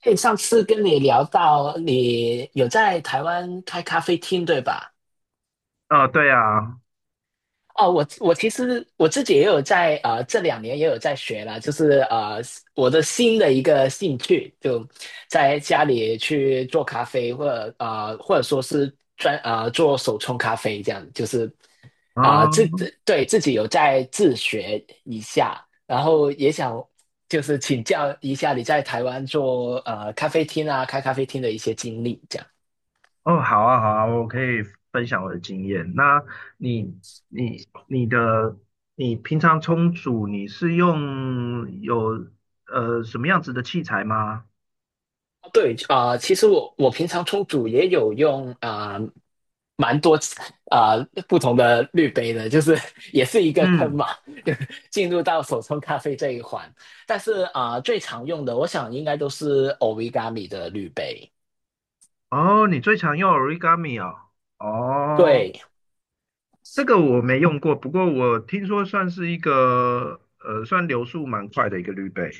对，上次跟你聊到你有在台湾开咖啡厅，对吧？哦，对啊，哦，我其实我自己也有在这两年也有在学啦，就是我的新的一个兴趣，就在家里去做咖啡，或者或者说是做手冲咖啡这样，就是啊、呃自嗯，对自己有在自学一下，然后也想就是请教一下你在台湾做呃咖啡厅啊开咖啡厅的一些经历，这样。哦，好啊，好啊，我可以分享我的经验。那你、你、你的、你平常冲煮，你是用什么样子的器材吗？对，其实我平常冲煮也有用蛮多啊、不同的滤杯的，就是 也是一个坑嗯，嘛，就进入到手冲咖啡这一环。但是最常用的，我想应该都是 Origami 的滤杯。哦，你最常用 origami 啊？哦，对，这个我没用过，不过我听说算是算流速蛮快的一个滤杯。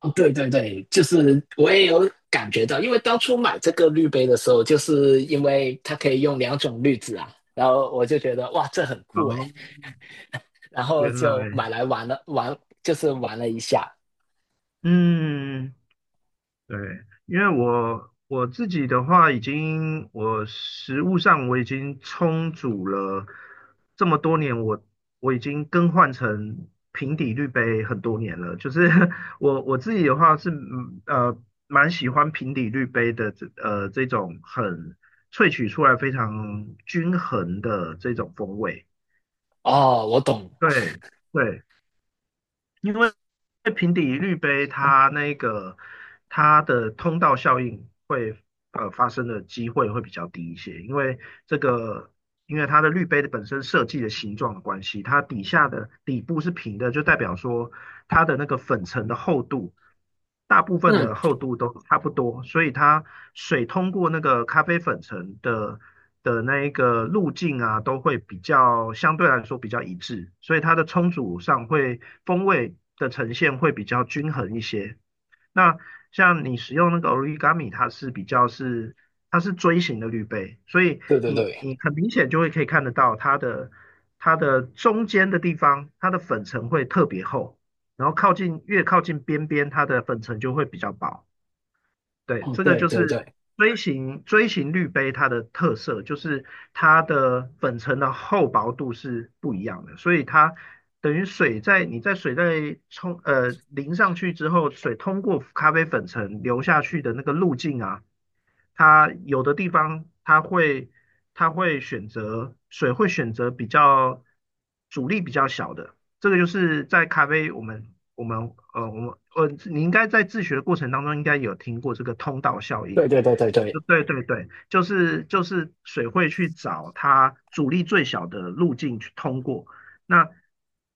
哦对对对，就是我也有感觉到，因为当初买这个滤杯的时候，就是因为它可以用两种滤纸啊，然后我就觉得哇，这很酷诶，哦，然后原就来，买来玩了玩，就是玩了一下。嗯。对，因为我自己的话，我食物上我已经充足了这么多年，我已经更换成平底滤杯很多年了。就是 我自己的话是蛮喜欢平底滤杯的这种萃取出来非常均衡的这种风味。哦，我懂，对对。因为平底滤杯它那个它的通道效应会发生的机会会比较低一些，这个因为它的滤杯的本身设计的形状的关系，它底下的底部是平的，就代表说它的那个粉尘的厚度，大部分嗯，的厚度都差不多，所以水通过那个咖啡粉层的那一个路径啊，都会相对来说比较一致，所以它的冲煮上风味的呈现会比较均衡一些。那像你使用那个 origami，它是比较是它是锥形的滤杯，所以对对你对，你很明显就可以看得到它的中间的地方，它的粉层会特别厚。然后越靠近边边，它的粉尘就会比较薄。对，嗯，这个对就对是对，锥形滤杯它的特色，就是它的粉尘的厚薄度是不一样的，所以它等于水在淋上去之后，水通过咖啡粉层流下去的那个路径啊，它有的地方它会它会选择水会选择阻力比较小的，这个就是在咖啡我们我们呃我们呃你应该在自学的过程当中应该有听过这个通道效应。对对对对对，对对对，就是水会去找它阻力最小的路径去通过，那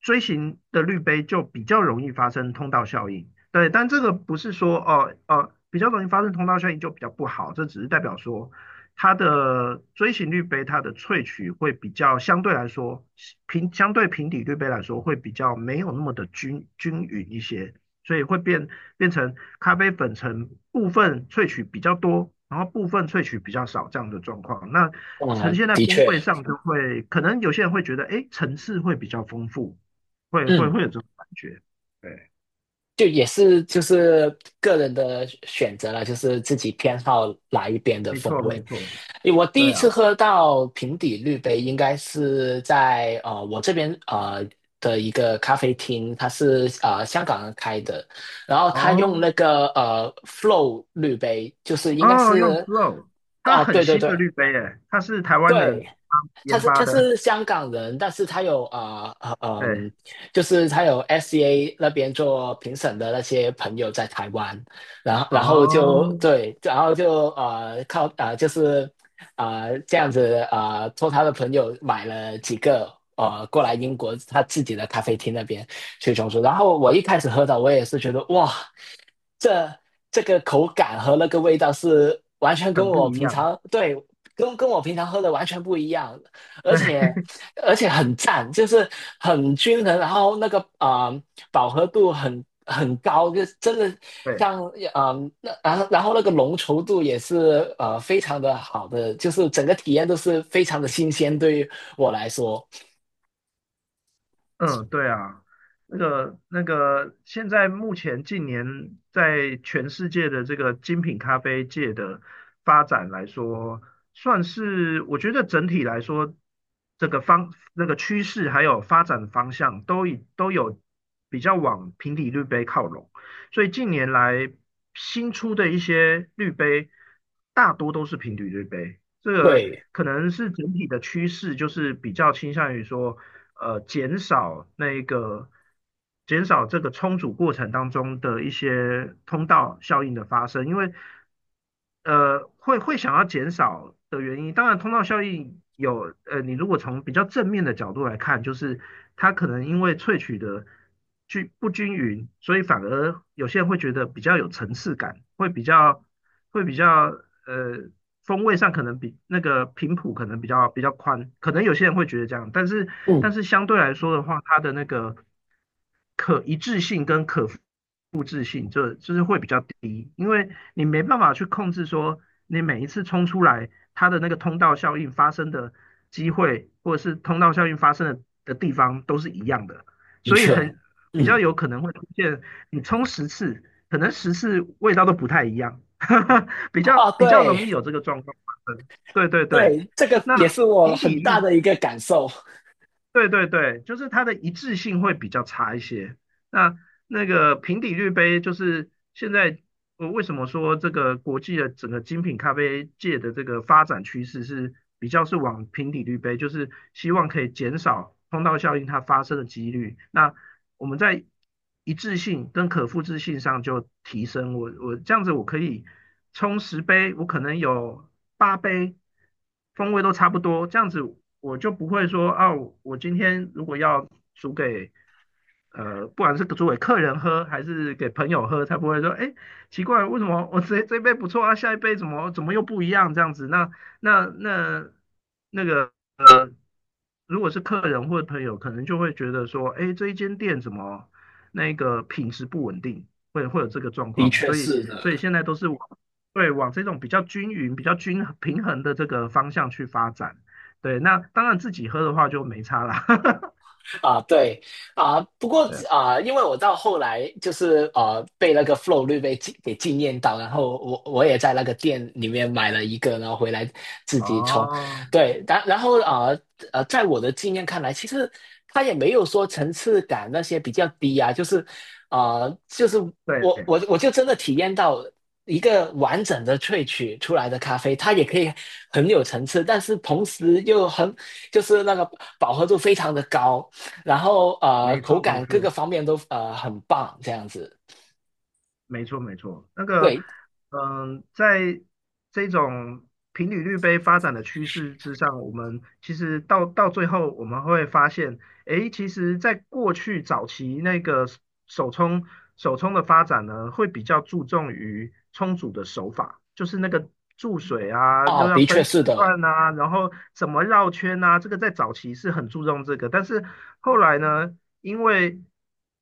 锥形的滤杯就比较容易发生通道效应。对，但这个不是说比较容易发生通道效应就比较不好，这只是代表说它的锥形滤杯它的萃取会比较相对来说平相对平底滤杯来说会比较没有那么的均匀一些，所以会变成咖啡粉层部分萃取比较多，然后部分萃取比较少这样的状况。那呈嗯，现在的风确，味上就会，可能有些人会觉得，哎，层次会比较丰富，会会嗯，会有这种感觉。对，就也是就是个人的选择了，就是自己偏好哪一边的没风错味。没错，我第一对啊，次喝到平底滤杯，应该是在我这边的一个咖啡厅，它是香港人开的，然后他哦用那个Flow 滤杯，就是应该哦，用 是 Glow 它哦很对对新的对滤杯诶，它是台湾对，人他研是发他的，是香港人，但是他有啊呃呃对，嗯，就是他有 SCA 那边做评审的那些朋友在台湾，然后就哦，对，然后就靠就是这样子托他的朋友买了几个过来英国他自己的咖啡厅那边去冲煮，然后我一开始喝到我也是觉得哇，这这个口感和那个味道是完全跟很不我一平样，常对，跟我平常喝的完全不一样，而对且而且很赞，就是很均衡，然后那个饱和度很高，就真的对。像那然后那个浓稠度也是非常的好的，就是整个体验都是非常的新鲜，对于我来说，嗯，对啊，现在目前近年在全世界的这个精品咖啡界的发展来说，算是我觉得整体来说，这个方那个趋势还有发展方向都有比较往平底滤杯靠拢，所以近年来新出的一些滤杯大多都是平底滤杯，这个对，可能是整体的趋势，就是比较倾向于说，减少减少这个冲煮过程当中的一些通道效应的发生，因为会想要减少的原因，当然通道效应你如果从比较正面的角度来看，就是它可能因为萃取的均不均匀，所以反而有些人会觉得比较有层次感，会比较会比较呃风味上可能比那个频谱可能比较宽，可能有些人会觉得这样，但是嗯，相对来说的话，它的那个可一致性跟可复制性就是会比较低，因为你没办法去控制说你每一次冲出来它的那个通道效应发生的机会，或者是通道效应发生的地方都是一样的，的所以确，比较嗯，有可能会出现你冲十次，可能十次味道都不太一样 比啊，较比较容易对有这个状况发生。对对对，对，这个那也是我比比很大率的一个感受，对对对，就是它的一致性会比较差一些。那那个平底滤杯，就是现在我为什么说这个国际的整个精品咖啡界的这个发展趋势是比较是往平底滤杯，就是希望可以减少通道效应它发生的几率。那我们在一致性跟可复制性上就提升。我这样子我可以冲10杯，我可能有8杯风味都差不多，这样子我就不会说啊，我今天如果要煮给不管是煮给客人喝还是给朋友喝，才不会说，哎，奇怪，为什么我这杯不错啊，下一杯怎么又不一样这样子？那那个如果是客人或者朋友，可能就会觉得说，哎，这一间店怎么那个品质不稳定，会有这个状的况，确所以是的。现在都是往对往这种比较均匀、比较平衡的这个方向去发展。对，那当然自己喝的话就没差啦。啊，对啊，不过对，啊，因为我到后来就是被那个 flow 给惊艳到，然后我也在那个店里面买了一个，然后回来自己冲。哦，对，然后在我的经验看来，其实它也没有说层次感那些比较低啊，就是就是对，我就真的体验到一个完整的萃取出来的咖啡，它也可以很有层次，但是同时又很就是那个饱和度非常的高，然后没口错没感各个错，方面都很棒，这样子。没错，没错，那个，对，嗯，在这种平履率杯发展的趋势之上，我们其实到最后，我们会发现，诶，其实，在过去早期那个手冲手冲的发展呢，会比较注重于冲煮的手法，就是那个注水啊，又哦，要的分确时是的，段啊，然后怎么绕圈啊，这个在早期是很注重这个，但是后来呢？因为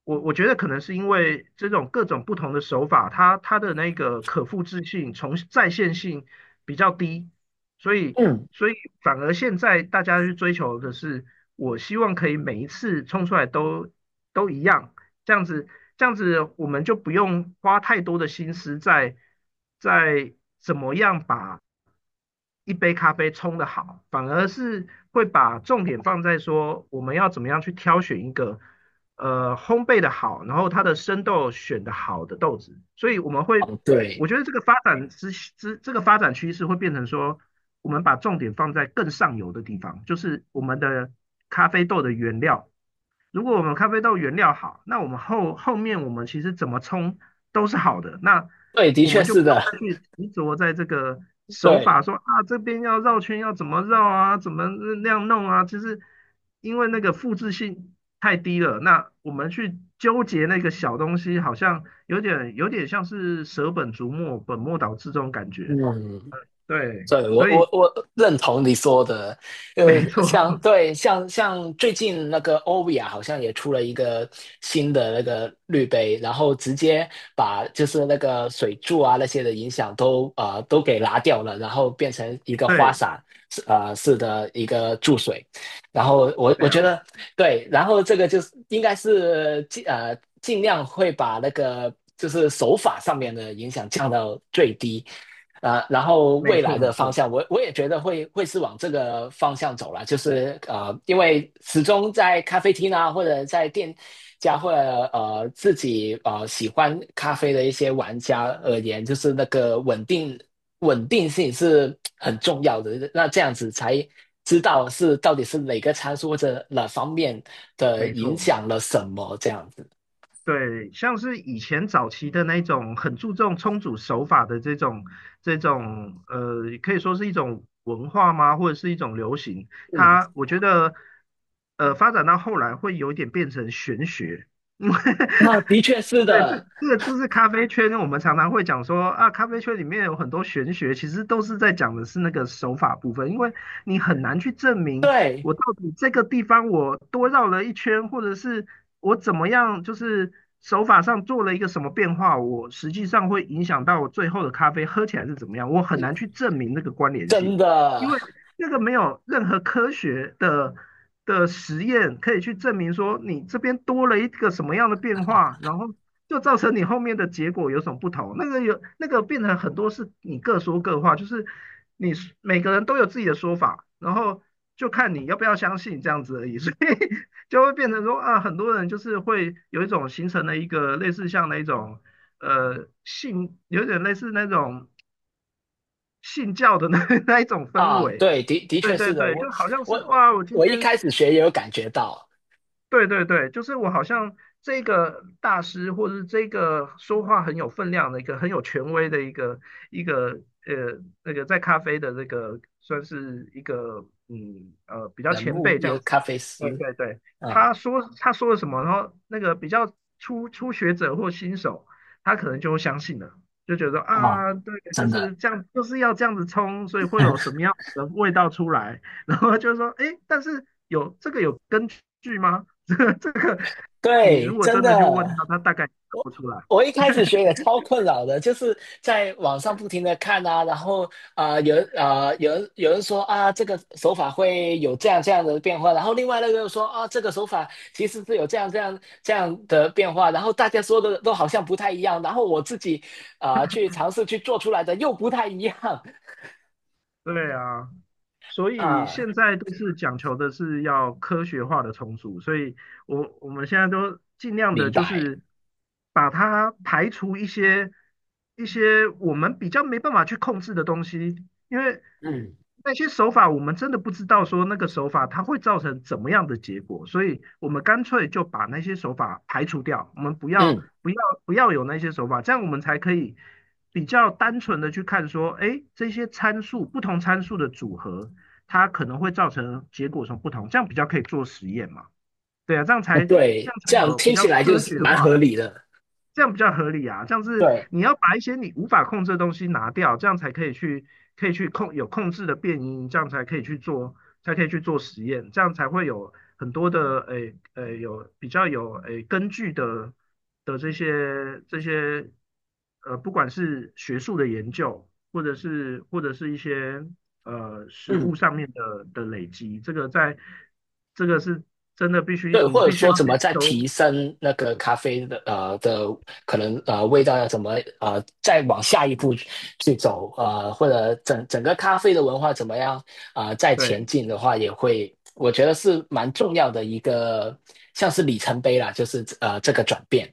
我觉得可能是因为这种各种不同的手法，它的那个可复制性、再现性比较低，所以嗯，所以反而现在大家去追求的是，我希望可以每一次冲出来都一样，这样子这样子我们就不用花太多的心思在在怎么样把一杯咖啡冲的好，反而是会把重点放在说我们要怎么样去挑选一个烘焙的好，然后它的生豆选的好的豆子，所以我们会，哦，对，我觉得这个发展之之这个发展趋势会变成说，我们把重点放在更上游的地方，就是我们的咖啡豆的原料如果我们咖啡豆原料好，那我们后面我们其实怎么冲都是好的，那对，的我确们就是不用的，再去执着在这个 手对，法说啊这边要绕圈要怎么绕啊，怎么那样弄啊，就是因为那个复制性太低了，那我们去纠结那个小东西，好像有点像是舍本逐末、本末倒置这种感觉。嗯。对，对，我所以我我认同你说的，没错，像 对像像最近那个欧比亚好像也出了一个新的那个滤杯，然后直接把就是那个水柱啊那些的影响都给拿掉了，然后变成一个花对洒式的一个注水，然后我对啊，觉得对，然后这个就是应该是尽量会把那个就是手法上面的影响降到最低。然后没未错来没的方错向，我也觉得会是往这个方向走了，就是因为始终在咖啡厅啊，或者在店家，或者自己喜欢咖啡的一些玩家而言，就是那个稳定性是很重要的。那这样子才知道是到底是哪个参数或者哪方面的没影错。响了什么这样子。对，像是以前早期的那种很注重冲煮手法的这种，可以说是一种文化吗，或者是一种流行？嗯，我觉得发展到后来会有一点变成玄学，那的 确是对，这的，这个就是咖啡圈，我们常常会讲说啊，咖啡圈里面有很多玄学，其实都是在讲的是那个手法部分，因为你很难去证明对，我到底这个地方我多绕了一圈，或者是我怎么样，就是手法上做了一个什么变化，我实际上会影响到我最后的咖啡喝起来是怎么样，我很难去证明那个关联性，真因的。为那个没有任何科学的实验可以去证明说你这边多了一个什么样的变化，然后就造成你后面的结果有什么不同？那个有那个变成很多是你各说各话，就是你每个人都有自己的说法，然后就看你要不要相信这样子而已，所以就会变成说啊，很多人就是会有一种形成了一个类似像那种有点类似那种信教的那一种氛啊，围。对，的的对确是对的，对，就好像我是我哇，我今我一天开始学也有感觉到对对对，就是我好像这个大师，或者是这个说话很有分量的一个很有权威的一个那个在咖啡的那个算是一个比较人前物辈这也有样子。咖啡对师，对对，嗯他说了什么，然后那个比较初学者或新手，他可能就会相信了，就觉得啊，啊对，就真是的，这样，就是要这样子冲，所以会有什么样子的味道出来。然后就说，哎，但是有这个有根据吗？这个，你对，如果真真的，的去问他，他大概也答不出来。我一开始学也超困扰的，就是在网上不停的看啊，然后有人说啊这个手法会有这样这样的变化，然后另外那个又说啊这个手法其实是有这样这样这样的变化，然后大家说的都好像不太一样，然后我自己去尝试去做出来的又不太一样。对啊，所以啊，现在都是讲求的是要科学化的重组，所以我们现在都尽量的明就白。是把它排除一些我们比较没办法去控制的东西，因为嗯那些手法我们真的不知道说那个手法它会造成怎么样的结果，所以我们干脆就把那些手法排除掉，我们嗯，不要不要有那些手法，这样我们才可以，比较单纯的去看说，哎，这些参数不同参数的组合，它可能会造成结果什么不同，这样比较可以做实验嘛？对啊，这对，样这才样有比听起较来就科是学的蛮合话。理的。这样比较合理啊。这样是对，你要把一些你无法控制的东西拿掉，这样才可以去控制的变音，这样才可以去做实验，这样才会有很多的有比较有根据的这些不管是学术的研究，或者是一些实嗯物上面的累积，这个在这个是真的对，你或者必须说要怎么去再提收升那个咖啡的可能味道要怎么再往下一步去走或者整个咖啡的文化怎么样再前对。进的话，也会我觉得是蛮重要的一个像是里程碑啦，就是这个转变。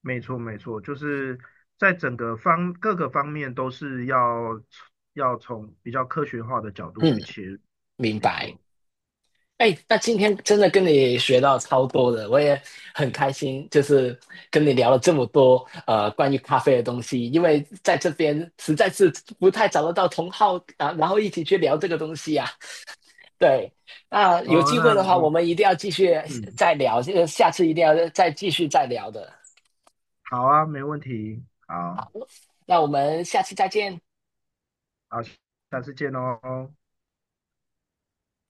没错，没错，就是在整个方各个方面都是要从比较科学化的角度嗯，去切入，明没白。错。哎，那今天真的跟你学到超多的，我也很开心，就是跟你聊了这么多关于咖啡的东西，因为在这边实在是不太找得到同好啊，然后一起去聊这个东西呀、对，那有哦，机会那的话，我你们一定要继续嗯，再聊，这个下次一定要再继续再聊的。好啊，没问题，好，那我们下次再见。好，下次见哦。